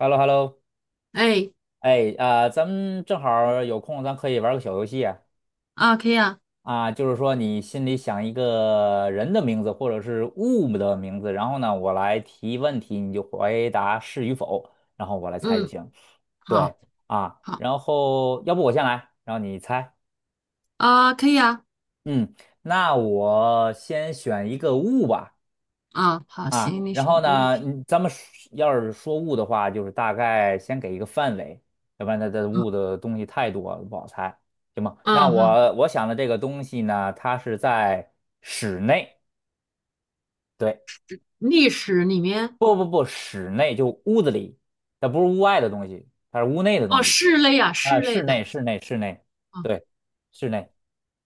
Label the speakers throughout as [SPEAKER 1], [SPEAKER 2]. [SPEAKER 1] h e l l o hello
[SPEAKER 2] 哎，
[SPEAKER 1] 哎，啊、咱们正好儿有空，咱可以玩个小游戏啊，
[SPEAKER 2] 啊，可以啊。
[SPEAKER 1] 啊，就是说你心里想一个人的名字或者是物的名字，然后呢，我来提问题，你就回答是与否，然后我来猜就
[SPEAKER 2] 嗯。
[SPEAKER 1] 行。对
[SPEAKER 2] 好。
[SPEAKER 1] 啊，
[SPEAKER 2] 好。
[SPEAKER 1] 然后要不我先来，然后你猜。
[SPEAKER 2] 啊，可以啊。
[SPEAKER 1] 嗯，那我先选一个物吧。
[SPEAKER 2] 啊，好，
[SPEAKER 1] 啊，
[SPEAKER 2] 行，你
[SPEAKER 1] 然
[SPEAKER 2] 选
[SPEAKER 1] 后
[SPEAKER 2] 一个物
[SPEAKER 1] 呢，
[SPEAKER 2] 品。
[SPEAKER 1] 你咱们说要是说物的话，就是大概先给一个范围，要不然它的
[SPEAKER 2] 嗯。
[SPEAKER 1] 物的东西太多了，不好猜，行吗？那
[SPEAKER 2] 嗯。好。
[SPEAKER 1] 我我想的这个东西呢，它是在室内，对，
[SPEAKER 2] 历史里面。
[SPEAKER 1] 不，室内就屋子里，它不是屋外的东西，它是屋内的
[SPEAKER 2] 哦，
[SPEAKER 1] 东西，
[SPEAKER 2] 室内啊，
[SPEAKER 1] 啊，
[SPEAKER 2] 室内
[SPEAKER 1] 室
[SPEAKER 2] 的。
[SPEAKER 1] 内室内室内，
[SPEAKER 2] 啊
[SPEAKER 1] 对，室内，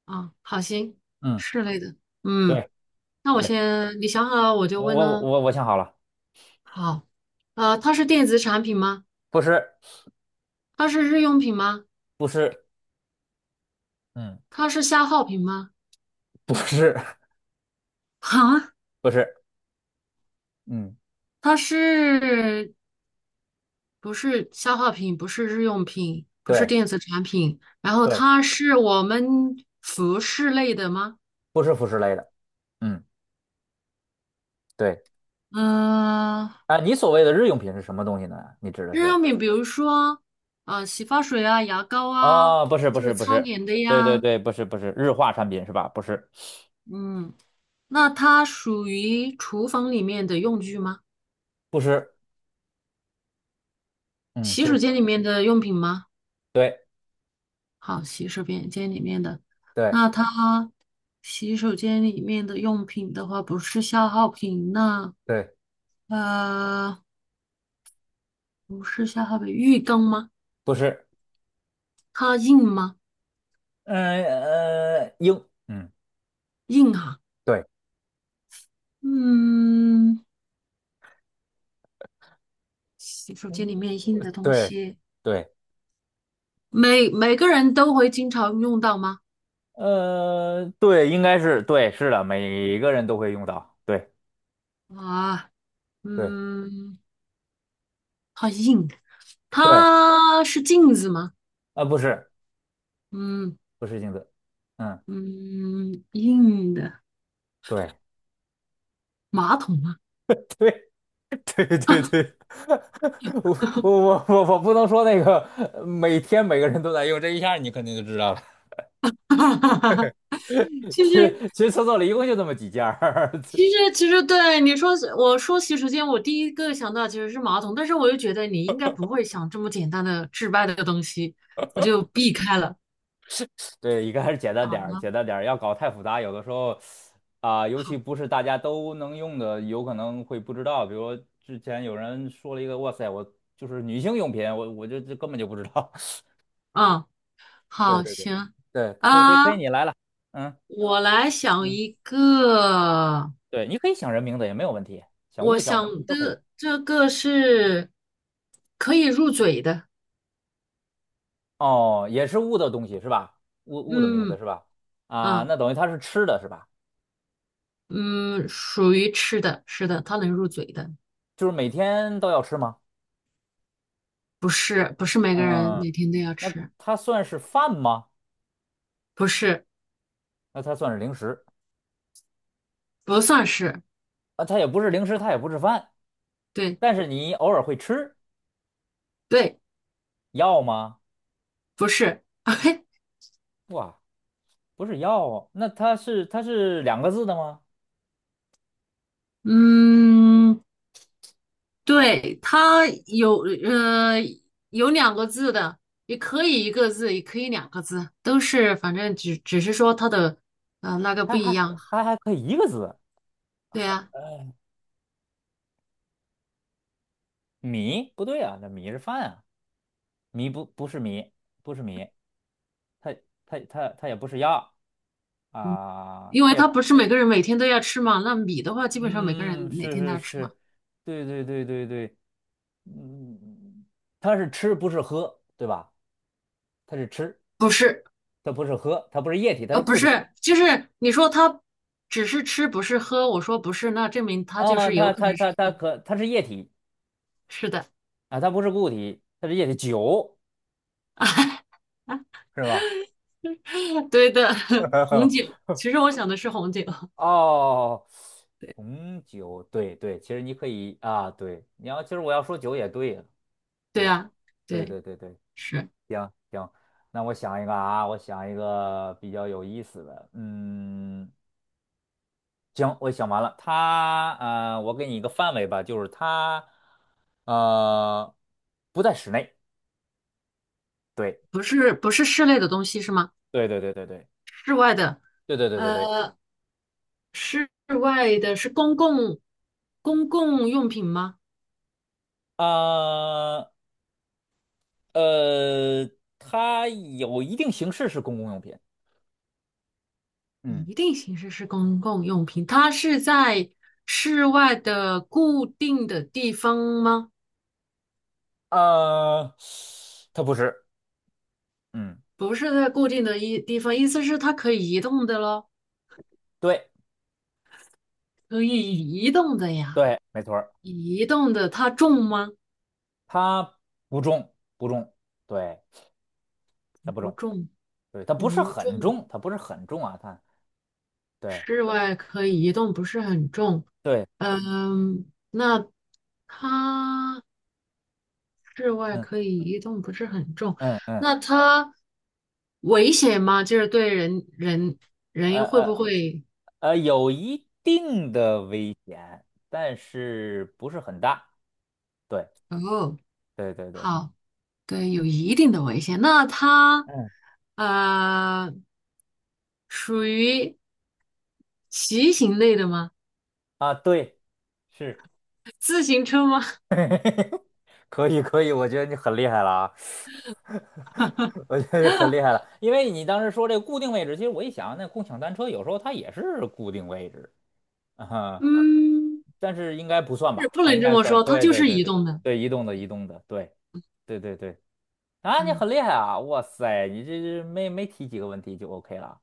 [SPEAKER 2] 啊，好，行。
[SPEAKER 1] 嗯，
[SPEAKER 2] 室内的。嗯。
[SPEAKER 1] 对
[SPEAKER 2] 那我
[SPEAKER 1] 对，
[SPEAKER 2] 先，你想好了我就
[SPEAKER 1] 我
[SPEAKER 2] 问
[SPEAKER 1] 我
[SPEAKER 2] 喽。
[SPEAKER 1] 我我想好了，
[SPEAKER 2] 好。它是电子产品吗？
[SPEAKER 1] 不是
[SPEAKER 2] 它是日用品吗？
[SPEAKER 1] 不是，嗯，
[SPEAKER 2] 它是消耗品吗？
[SPEAKER 1] 不是
[SPEAKER 2] 啊，
[SPEAKER 1] 不是，嗯，
[SPEAKER 2] 它是不是消耗品，不是日用品，不是
[SPEAKER 1] 对。
[SPEAKER 2] 电子产品，然后
[SPEAKER 1] 对
[SPEAKER 2] 它是我们服饰类的吗？
[SPEAKER 1] 不是服饰类的，嗯，对，
[SPEAKER 2] 嗯、
[SPEAKER 1] 啊，你所谓的日用品是什么东西呢？你指的
[SPEAKER 2] 日
[SPEAKER 1] 是？
[SPEAKER 2] 用品，比如说洗发水啊、牙膏啊，
[SPEAKER 1] 啊，
[SPEAKER 2] 就是
[SPEAKER 1] 不
[SPEAKER 2] 擦
[SPEAKER 1] 是，
[SPEAKER 2] 脸的
[SPEAKER 1] 对对
[SPEAKER 2] 呀。
[SPEAKER 1] 对，不是，不是日化产品是吧？不是，
[SPEAKER 2] 嗯，那它属于厨房里面的用具吗？
[SPEAKER 1] 不是，嗯，其
[SPEAKER 2] 洗
[SPEAKER 1] 实
[SPEAKER 2] 手间里面的用品吗？
[SPEAKER 1] 对
[SPEAKER 2] 好，洗手间间里面的。
[SPEAKER 1] 对
[SPEAKER 2] 那它洗手间里面的用品的话，不是消耗品，那
[SPEAKER 1] 对，
[SPEAKER 2] 呃。不是下河北玉庚吗？
[SPEAKER 1] 不是，
[SPEAKER 2] 它硬吗？
[SPEAKER 1] 嗯呃，英，嗯，
[SPEAKER 2] 硬啊。
[SPEAKER 1] 对
[SPEAKER 2] 嗯，洗手间里面硬的东
[SPEAKER 1] 对
[SPEAKER 2] 西，
[SPEAKER 1] 对，
[SPEAKER 2] 每个人都会经常用到吗？
[SPEAKER 1] 对，应该是对，是的，每个人都会用到，对
[SPEAKER 2] 啊。
[SPEAKER 1] 对
[SPEAKER 2] 嗯，它硬，
[SPEAKER 1] 对，
[SPEAKER 2] 它是镜子吗？
[SPEAKER 1] 啊，不是，
[SPEAKER 2] 嗯
[SPEAKER 1] 不是镜子，嗯，
[SPEAKER 2] 嗯，硬的
[SPEAKER 1] 对
[SPEAKER 2] 马桶吗？
[SPEAKER 1] 对，对对 对，我不能说那个每天每个人都在用，这一下你肯定就知道了。
[SPEAKER 2] 哈哈哈哈哈，就
[SPEAKER 1] 其
[SPEAKER 2] 是
[SPEAKER 1] 实厕所里一共就这么几件儿，
[SPEAKER 2] 其实，其实对你说，我说洗手间，我第一个想到其实是马桶，但是我又觉得你应该不会想这么简单的治外的东西，我就避开了。
[SPEAKER 1] 对，一个还是简单点儿，
[SPEAKER 2] 了。
[SPEAKER 1] 简单点儿，要搞太复杂，有的时候啊、尤
[SPEAKER 2] 好。
[SPEAKER 1] 其不是大家都能用的，有可能会不知道。比如之前有人说了一个，哇塞，我就是女性用品，我就这根本就不知道。
[SPEAKER 2] 嗯，
[SPEAKER 1] 对
[SPEAKER 2] 好，
[SPEAKER 1] 对对
[SPEAKER 2] 行。
[SPEAKER 1] 对，可以可以
[SPEAKER 2] 啊，
[SPEAKER 1] 可以，你来了，嗯
[SPEAKER 2] 我来想
[SPEAKER 1] 嗯，
[SPEAKER 2] 一个，
[SPEAKER 1] 对，你可以想人名字也没有问题，想
[SPEAKER 2] 我
[SPEAKER 1] 物想名字
[SPEAKER 2] 想
[SPEAKER 1] 都可以。
[SPEAKER 2] 的这个是可以入嘴的。
[SPEAKER 1] 哦，也是物的东西是吧？物的名字
[SPEAKER 2] 嗯。
[SPEAKER 1] 是吧？啊，
[SPEAKER 2] 啊。
[SPEAKER 1] 那等于它是吃的是吧？
[SPEAKER 2] 嗯，属于吃的，是的，它能入嘴的。
[SPEAKER 1] 就是每天都要吃吗？
[SPEAKER 2] 不是，不是每个人
[SPEAKER 1] 嗯，
[SPEAKER 2] 每天都要
[SPEAKER 1] 那
[SPEAKER 2] 吃。
[SPEAKER 1] 它算是饭吗？
[SPEAKER 2] 不是。
[SPEAKER 1] 那它算是零食
[SPEAKER 2] 不算是。
[SPEAKER 1] 啊？它也不是零食，它也不是饭，
[SPEAKER 2] 对
[SPEAKER 1] 但是你偶尔会吃
[SPEAKER 2] 对，
[SPEAKER 1] 药吗？
[SPEAKER 2] 不是。
[SPEAKER 1] 哇，不是药哦那它是两个字的吗？
[SPEAKER 2] 嗯，对，它有有两个字的，也可以一个字，也可以两个字，都是反正只是说它的那个不
[SPEAKER 1] 还
[SPEAKER 2] 一
[SPEAKER 1] 还
[SPEAKER 2] 样。
[SPEAKER 1] 还还可以一个字，
[SPEAKER 2] 对呀、
[SPEAKER 1] 米不对啊，那米是饭啊，米不是米，不是米，它它它也不是药啊，
[SPEAKER 2] 因
[SPEAKER 1] 它
[SPEAKER 2] 为
[SPEAKER 1] 也。
[SPEAKER 2] 它不是每个人每天都要吃嘛，那米的话基本上每个人
[SPEAKER 1] 嗯，
[SPEAKER 2] 每天都要吃嘛。
[SPEAKER 1] 是，对，嗯，它是吃不是喝，对吧？它是吃，
[SPEAKER 2] 不是。
[SPEAKER 1] 它不是喝，它不是液体，它是
[SPEAKER 2] 不
[SPEAKER 1] 固体
[SPEAKER 2] 是，就是你说他只是吃不是喝，我说不是，那证明他就
[SPEAKER 1] 啊，
[SPEAKER 2] 是有可能是喝。
[SPEAKER 1] 它是液体
[SPEAKER 2] 是的。
[SPEAKER 1] 啊，它不是固体，它是液体，酒 是吧？
[SPEAKER 2] 对的。红酒，其实我想的是红酒。
[SPEAKER 1] 哦，红酒，对对，其实你可以啊，对，其实我要说酒也对呀，对
[SPEAKER 2] 对
[SPEAKER 1] 吧？
[SPEAKER 2] 呀。对。
[SPEAKER 1] 对，
[SPEAKER 2] 是
[SPEAKER 1] 行行，那我想一个啊，我想一个比较有意思的，嗯。行，我想完了，我给你一个范围吧，就是它呃不在室内。对，
[SPEAKER 2] 不是不是室内的东西是吗？
[SPEAKER 1] 对对对对对
[SPEAKER 2] 室外的。
[SPEAKER 1] 对。
[SPEAKER 2] 呃，室外的是公共用品吗？
[SPEAKER 1] 啊呃，它有一定形式是公共用品。嗯，
[SPEAKER 2] 一定形式是公共用品，它是在室外的固定的地方吗？
[SPEAKER 1] 呃，它不是。嗯，
[SPEAKER 2] 不是在固定的一地方，意思是它可以移动的咯。
[SPEAKER 1] 对
[SPEAKER 2] 可以移动的呀。
[SPEAKER 1] 对，没错儿，
[SPEAKER 2] 移动的它重吗？
[SPEAKER 1] 它不重，对，它不
[SPEAKER 2] 不
[SPEAKER 1] 重，
[SPEAKER 2] 重，
[SPEAKER 1] 对，它不是
[SPEAKER 2] 不
[SPEAKER 1] 很
[SPEAKER 2] 重。
[SPEAKER 1] 重，它对
[SPEAKER 2] 室外可以移动，不是很重。
[SPEAKER 1] 对，
[SPEAKER 2] 嗯，那它室外
[SPEAKER 1] 嗯
[SPEAKER 2] 可以移动，不是很重。
[SPEAKER 1] 嗯，
[SPEAKER 2] 那它危险吗？就是对人人
[SPEAKER 1] 呃
[SPEAKER 2] 人会
[SPEAKER 1] 呃
[SPEAKER 2] 不会？
[SPEAKER 1] 呃，有一定的危险，但是不是很大。对，
[SPEAKER 2] 哦。
[SPEAKER 1] 对，
[SPEAKER 2] 好。对，有一定的危险。那它
[SPEAKER 1] 嗯，
[SPEAKER 2] 呃，属于骑行类的吗？
[SPEAKER 1] 啊，对，是，
[SPEAKER 2] 自行车吗？
[SPEAKER 1] 可以，可以，我觉得你很厉害了啊，我觉得你很厉害 了，因为你当时说这个固定位置，其实我一想，那共享单车有时候它也是固定位置，啊，哈，
[SPEAKER 2] 嗯，
[SPEAKER 1] 但是应该不算
[SPEAKER 2] 是
[SPEAKER 1] 吧？
[SPEAKER 2] 不
[SPEAKER 1] 它
[SPEAKER 2] 能
[SPEAKER 1] 应
[SPEAKER 2] 这
[SPEAKER 1] 该
[SPEAKER 2] 么
[SPEAKER 1] 算，
[SPEAKER 2] 说，它就是移
[SPEAKER 1] 对，
[SPEAKER 2] 动的。
[SPEAKER 1] 对，移动的，移动的，对，啊，你
[SPEAKER 2] 嗯。
[SPEAKER 1] 很厉害啊，哇塞，你这没提几个问题就 OK 了。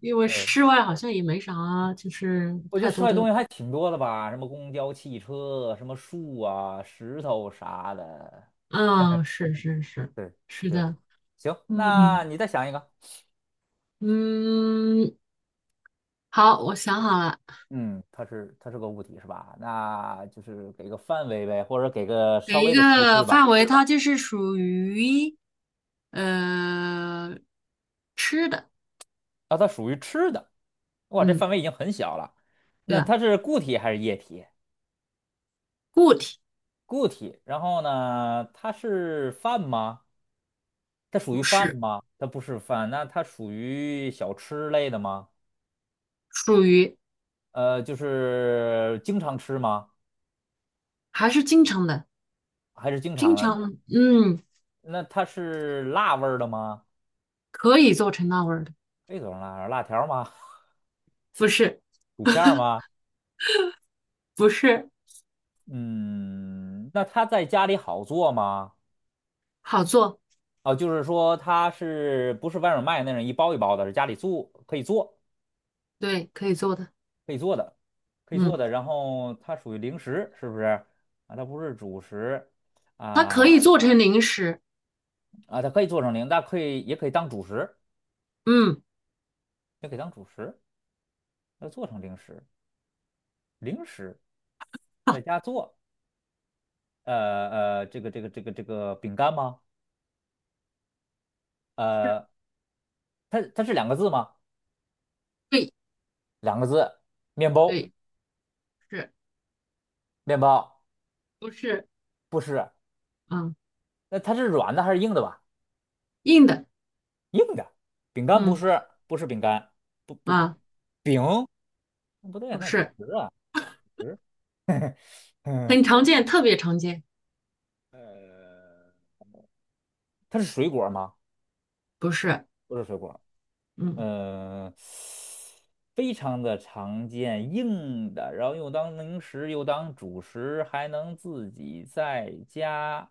[SPEAKER 2] 因为
[SPEAKER 1] 对。
[SPEAKER 2] 室外好像也没啥，就是
[SPEAKER 1] 我觉得
[SPEAKER 2] 太
[SPEAKER 1] 室
[SPEAKER 2] 多
[SPEAKER 1] 外东
[SPEAKER 2] 的。
[SPEAKER 1] 西还挺多的吧，什么公交、汽车，什么树啊、石头啥的。
[SPEAKER 2] 啊，是是是。
[SPEAKER 1] 对
[SPEAKER 2] 是
[SPEAKER 1] 对，
[SPEAKER 2] 的。
[SPEAKER 1] 行，那
[SPEAKER 2] 嗯
[SPEAKER 1] 你再想一个。
[SPEAKER 2] 嗯。好，我想好了。
[SPEAKER 1] 嗯，它是个物体是吧？那就是给个范围呗，或者给个稍
[SPEAKER 2] 给一
[SPEAKER 1] 微的提
[SPEAKER 2] 个
[SPEAKER 1] 示吧。
[SPEAKER 2] 范围，它就是属于呃吃的。
[SPEAKER 1] 啊，它属于吃的。哇，这
[SPEAKER 2] 嗯。
[SPEAKER 1] 范围已经很小了。
[SPEAKER 2] 对
[SPEAKER 1] 那
[SPEAKER 2] 啊。
[SPEAKER 1] 它是固体还是液体？
[SPEAKER 2] 固体。
[SPEAKER 1] 固体。然后呢，它是饭吗？它属于
[SPEAKER 2] 不
[SPEAKER 1] 饭
[SPEAKER 2] 是，
[SPEAKER 1] 吗？它不是饭，那它属于小吃类的吗？
[SPEAKER 2] 属于
[SPEAKER 1] 就是经常吃吗？
[SPEAKER 2] 还是经常的，
[SPEAKER 1] 还是经常
[SPEAKER 2] 经
[SPEAKER 1] 的？
[SPEAKER 2] 常。嗯，
[SPEAKER 1] 那它是辣味儿的吗？
[SPEAKER 2] 可以做成那味儿的。
[SPEAKER 1] 可以做成儿，辣条儿吗？
[SPEAKER 2] 不是。
[SPEAKER 1] 薯片儿吗？
[SPEAKER 2] 不是。
[SPEAKER 1] 嗯，那它在家里好做吗？
[SPEAKER 2] 好做。
[SPEAKER 1] 哦，就是说它是不是外面卖那种一包一包的，是家里做可以做
[SPEAKER 2] 对，可以做的。
[SPEAKER 1] 可以做的，可以做
[SPEAKER 2] 嗯，
[SPEAKER 1] 的。然后它属于零食，是不是？啊，它不是主食
[SPEAKER 2] 它可
[SPEAKER 1] 啊
[SPEAKER 2] 以做成零食。
[SPEAKER 1] 啊，它可以做成零，但可以也可以当主食，
[SPEAKER 2] 嗯。
[SPEAKER 1] 也可以当主食，它做成零食，零食在家做。呃这个这个饼干吗？
[SPEAKER 2] 是。
[SPEAKER 1] 呃，它是两个字吗？
[SPEAKER 2] 对
[SPEAKER 1] 两个字，面包，
[SPEAKER 2] 对。是
[SPEAKER 1] 面包
[SPEAKER 2] 不是？
[SPEAKER 1] 不是，
[SPEAKER 2] 嗯，
[SPEAKER 1] 那它是软的还是硬的吧？
[SPEAKER 2] 硬的。
[SPEAKER 1] 硬的，饼干不
[SPEAKER 2] 嗯
[SPEAKER 1] 是，不是饼干，不
[SPEAKER 2] 啊，
[SPEAKER 1] 饼，不对，
[SPEAKER 2] 不
[SPEAKER 1] 那主
[SPEAKER 2] 是。
[SPEAKER 1] 食啊，主食，嗯，
[SPEAKER 2] 很常见，特别常见。
[SPEAKER 1] 呃，它是水果吗？
[SPEAKER 2] 不是。
[SPEAKER 1] 不是水果。
[SPEAKER 2] 嗯
[SPEAKER 1] 呃，非常的常见，硬的，然后又当零食，又当主食，还能自己在家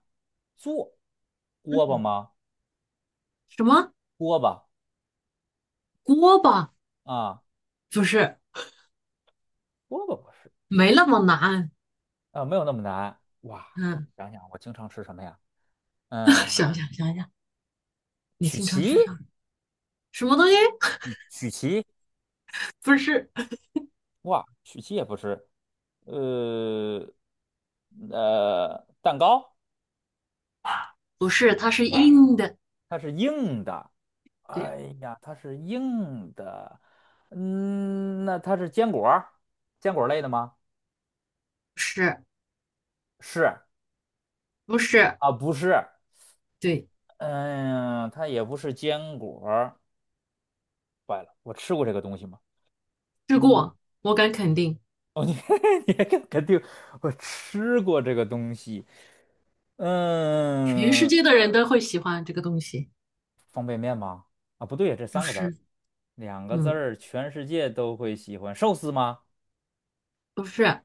[SPEAKER 1] 做。锅巴
[SPEAKER 2] 嗯。
[SPEAKER 1] 吗？
[SPEAKER 2] 什么
[SPEAKER 1] 锅巴
[SPEAKER 2] 锅巴？
[SPEAKER 1] 啊，
[SPEAKER 2] 不是，
[SPEAKER 1] 锅巴不是
[SPEAKER 2] 没那么难。
[SPEAKER 1] 啊，没有那么难。哇，
[SPEAKER 2] 嗯
[SPEAKER 1] 想想我经常吃什么呀？嗯，
[SPEAKER 2] 想想想想，你
[SPEAKER 1] 曲
[SPEAKER 2] 经常
[SPEAKER 1] 奇，
[SPEAKER 2] 吃啥？什么东西
[SPEAKER 1] 曲奇，
[SPEAKER 2] 不是。
[SPEAKER 1] 哇，曲奇也不是。呃，蛋糕
[SPEAKER 2] 不是，它是硬的。
[SPEAKER 1] 它是硬的，
[SPEAKER 2] 对。
[SPEAKER 1] 哎呀，它是硬的，嗯，那它是坚果儿，坚果类的吗？
[SPEAKER 2] 是
[SPEAKER 1] 是
[SPEAKER 2] 不是？
[SPEAKER 1] 啊，不是，
[SPEAKER 2] 对，
[SPEAKER 1] 嗯，它也不是坚果儿。坏了，我吃过这个东西吗？
[SPEAKER 2] 吃
[SPEAKER 1] 嗯
[SPEAKER 2] 过，我敢肯定，
[SPEAKER 1] 哦，你 你还敢肯定我吃过这个东西？
[SPEAKER 2] 全世
[SPEAKER 1] 嗯，
[SPEAKER 2] 界的人都会喜欢这个东西。
[SPEAKER 1] 妈啊，不对呀，这
[SPEAKER 2] 不
[SPEAKER 1] 三个字儿，
[SPEAKER 2] 是。
[SPEAKER 1] 两个字
[SPEAKER 2] 嗯。
[SPEAKER 1] 儿，全世界都会喜欢寿司吗？
[SPEAKER 2] 不是，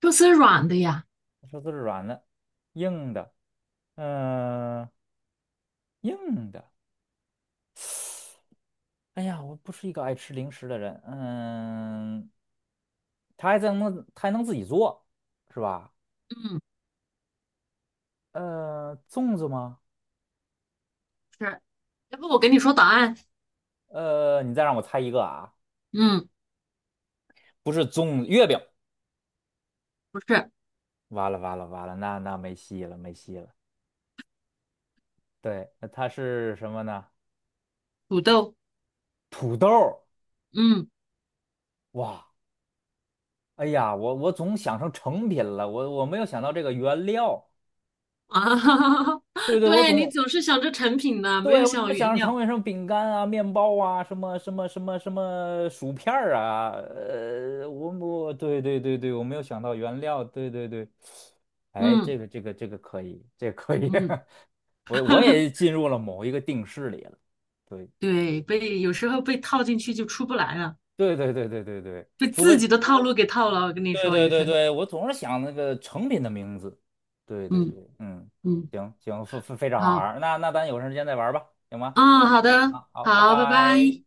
[SPEAKER 2] 就是软的呀。
[SPEAKER 1] 寿司是软的，硬的，嗯、硬的。哎呀，我不是一个爱吃零食的人，嗯，他还能自己做，是吧？
[SPEAKER 2] 嗯。
[SPEAKER 1] 呃，粽子吗？
[SPEAKER 2] 是。要不我给你说答案？
[SPEAKER 1] 呃，你再让我猜一个啊，
[SPEAKER 2] 嗯。
[SPEAKER 1] 不是粽子，月饼。
[SPEAKER 2] 不是。
[SPEAKER 1] 完了，那那没戏了没戏了。对，那它是什么呢？
[SPEAKER 2] 土豆。
[SPEAKER 1] 土豆儿
[SPEAKER 2] 嗯
[SPEAKER 1] 哇，哎呀，我总想成成品了，我没有想到这个原料。
[SPEAKER 2] 啊，
[SPEAKER 1] 对对，
[SPEAKER 2] 对你总是想着成品呢，没
[SPEAKER 1] 对，
[SPEAKER 2] 有
[SPEAKER 1] 我总
[SPEAKER 2] 想
[SPEAKER 1] 是想
[SPEAKER 2] 原
[SPEAKER 1] 着成
[SPEAKER 2] 料。
[SPEAKER 1] 为什么饼干啊、面包啊、什么薯片儿啊，我对，我没有想到原料，对，哎，
[SPEAKER 2] 嗯
[SPEAKER 1] 这个可以，这个可以，
[SPEAKER 2] 嗯，
[SPEAKER 1] 我也 进入了某一个定式里了，对，
[SPEAKER 2] 对，
[SPEAKER 1] 嗯
[SPEAKER 2] 被有时候被套进去就出不来了，
[SPEAKER 1] 对，
[SPEAKER 2] 被
[SPEAKER 1] 除
[SPEAKER 2] 自己
[SPEAKER 1] 非
[SPEAKER 2] 的套路给套了。我跟你说，有时候。
[SPEAKER 1] 对，我总是想那个成品的名字，对，
[SPEAKER 2] 嗯
[SPEAKER 1] 嗯，
[SPEAKER 2] 嗯。
[SPEAKER 1] 行行，非常好玩
[SPEAKER 2] 好。
[SPEAKER 1] 儿，那那咱有时间再玩儿吧，行吗？
[SPEAKER 2] 嗯，好
[SPEAKER 1] 嗯，
[SPEAKER 2] 的，
[SPEAKER 1] 啊，好，拜
[SPEAKER 2] 好，拜拜。
[SPEAKER 1] 拜。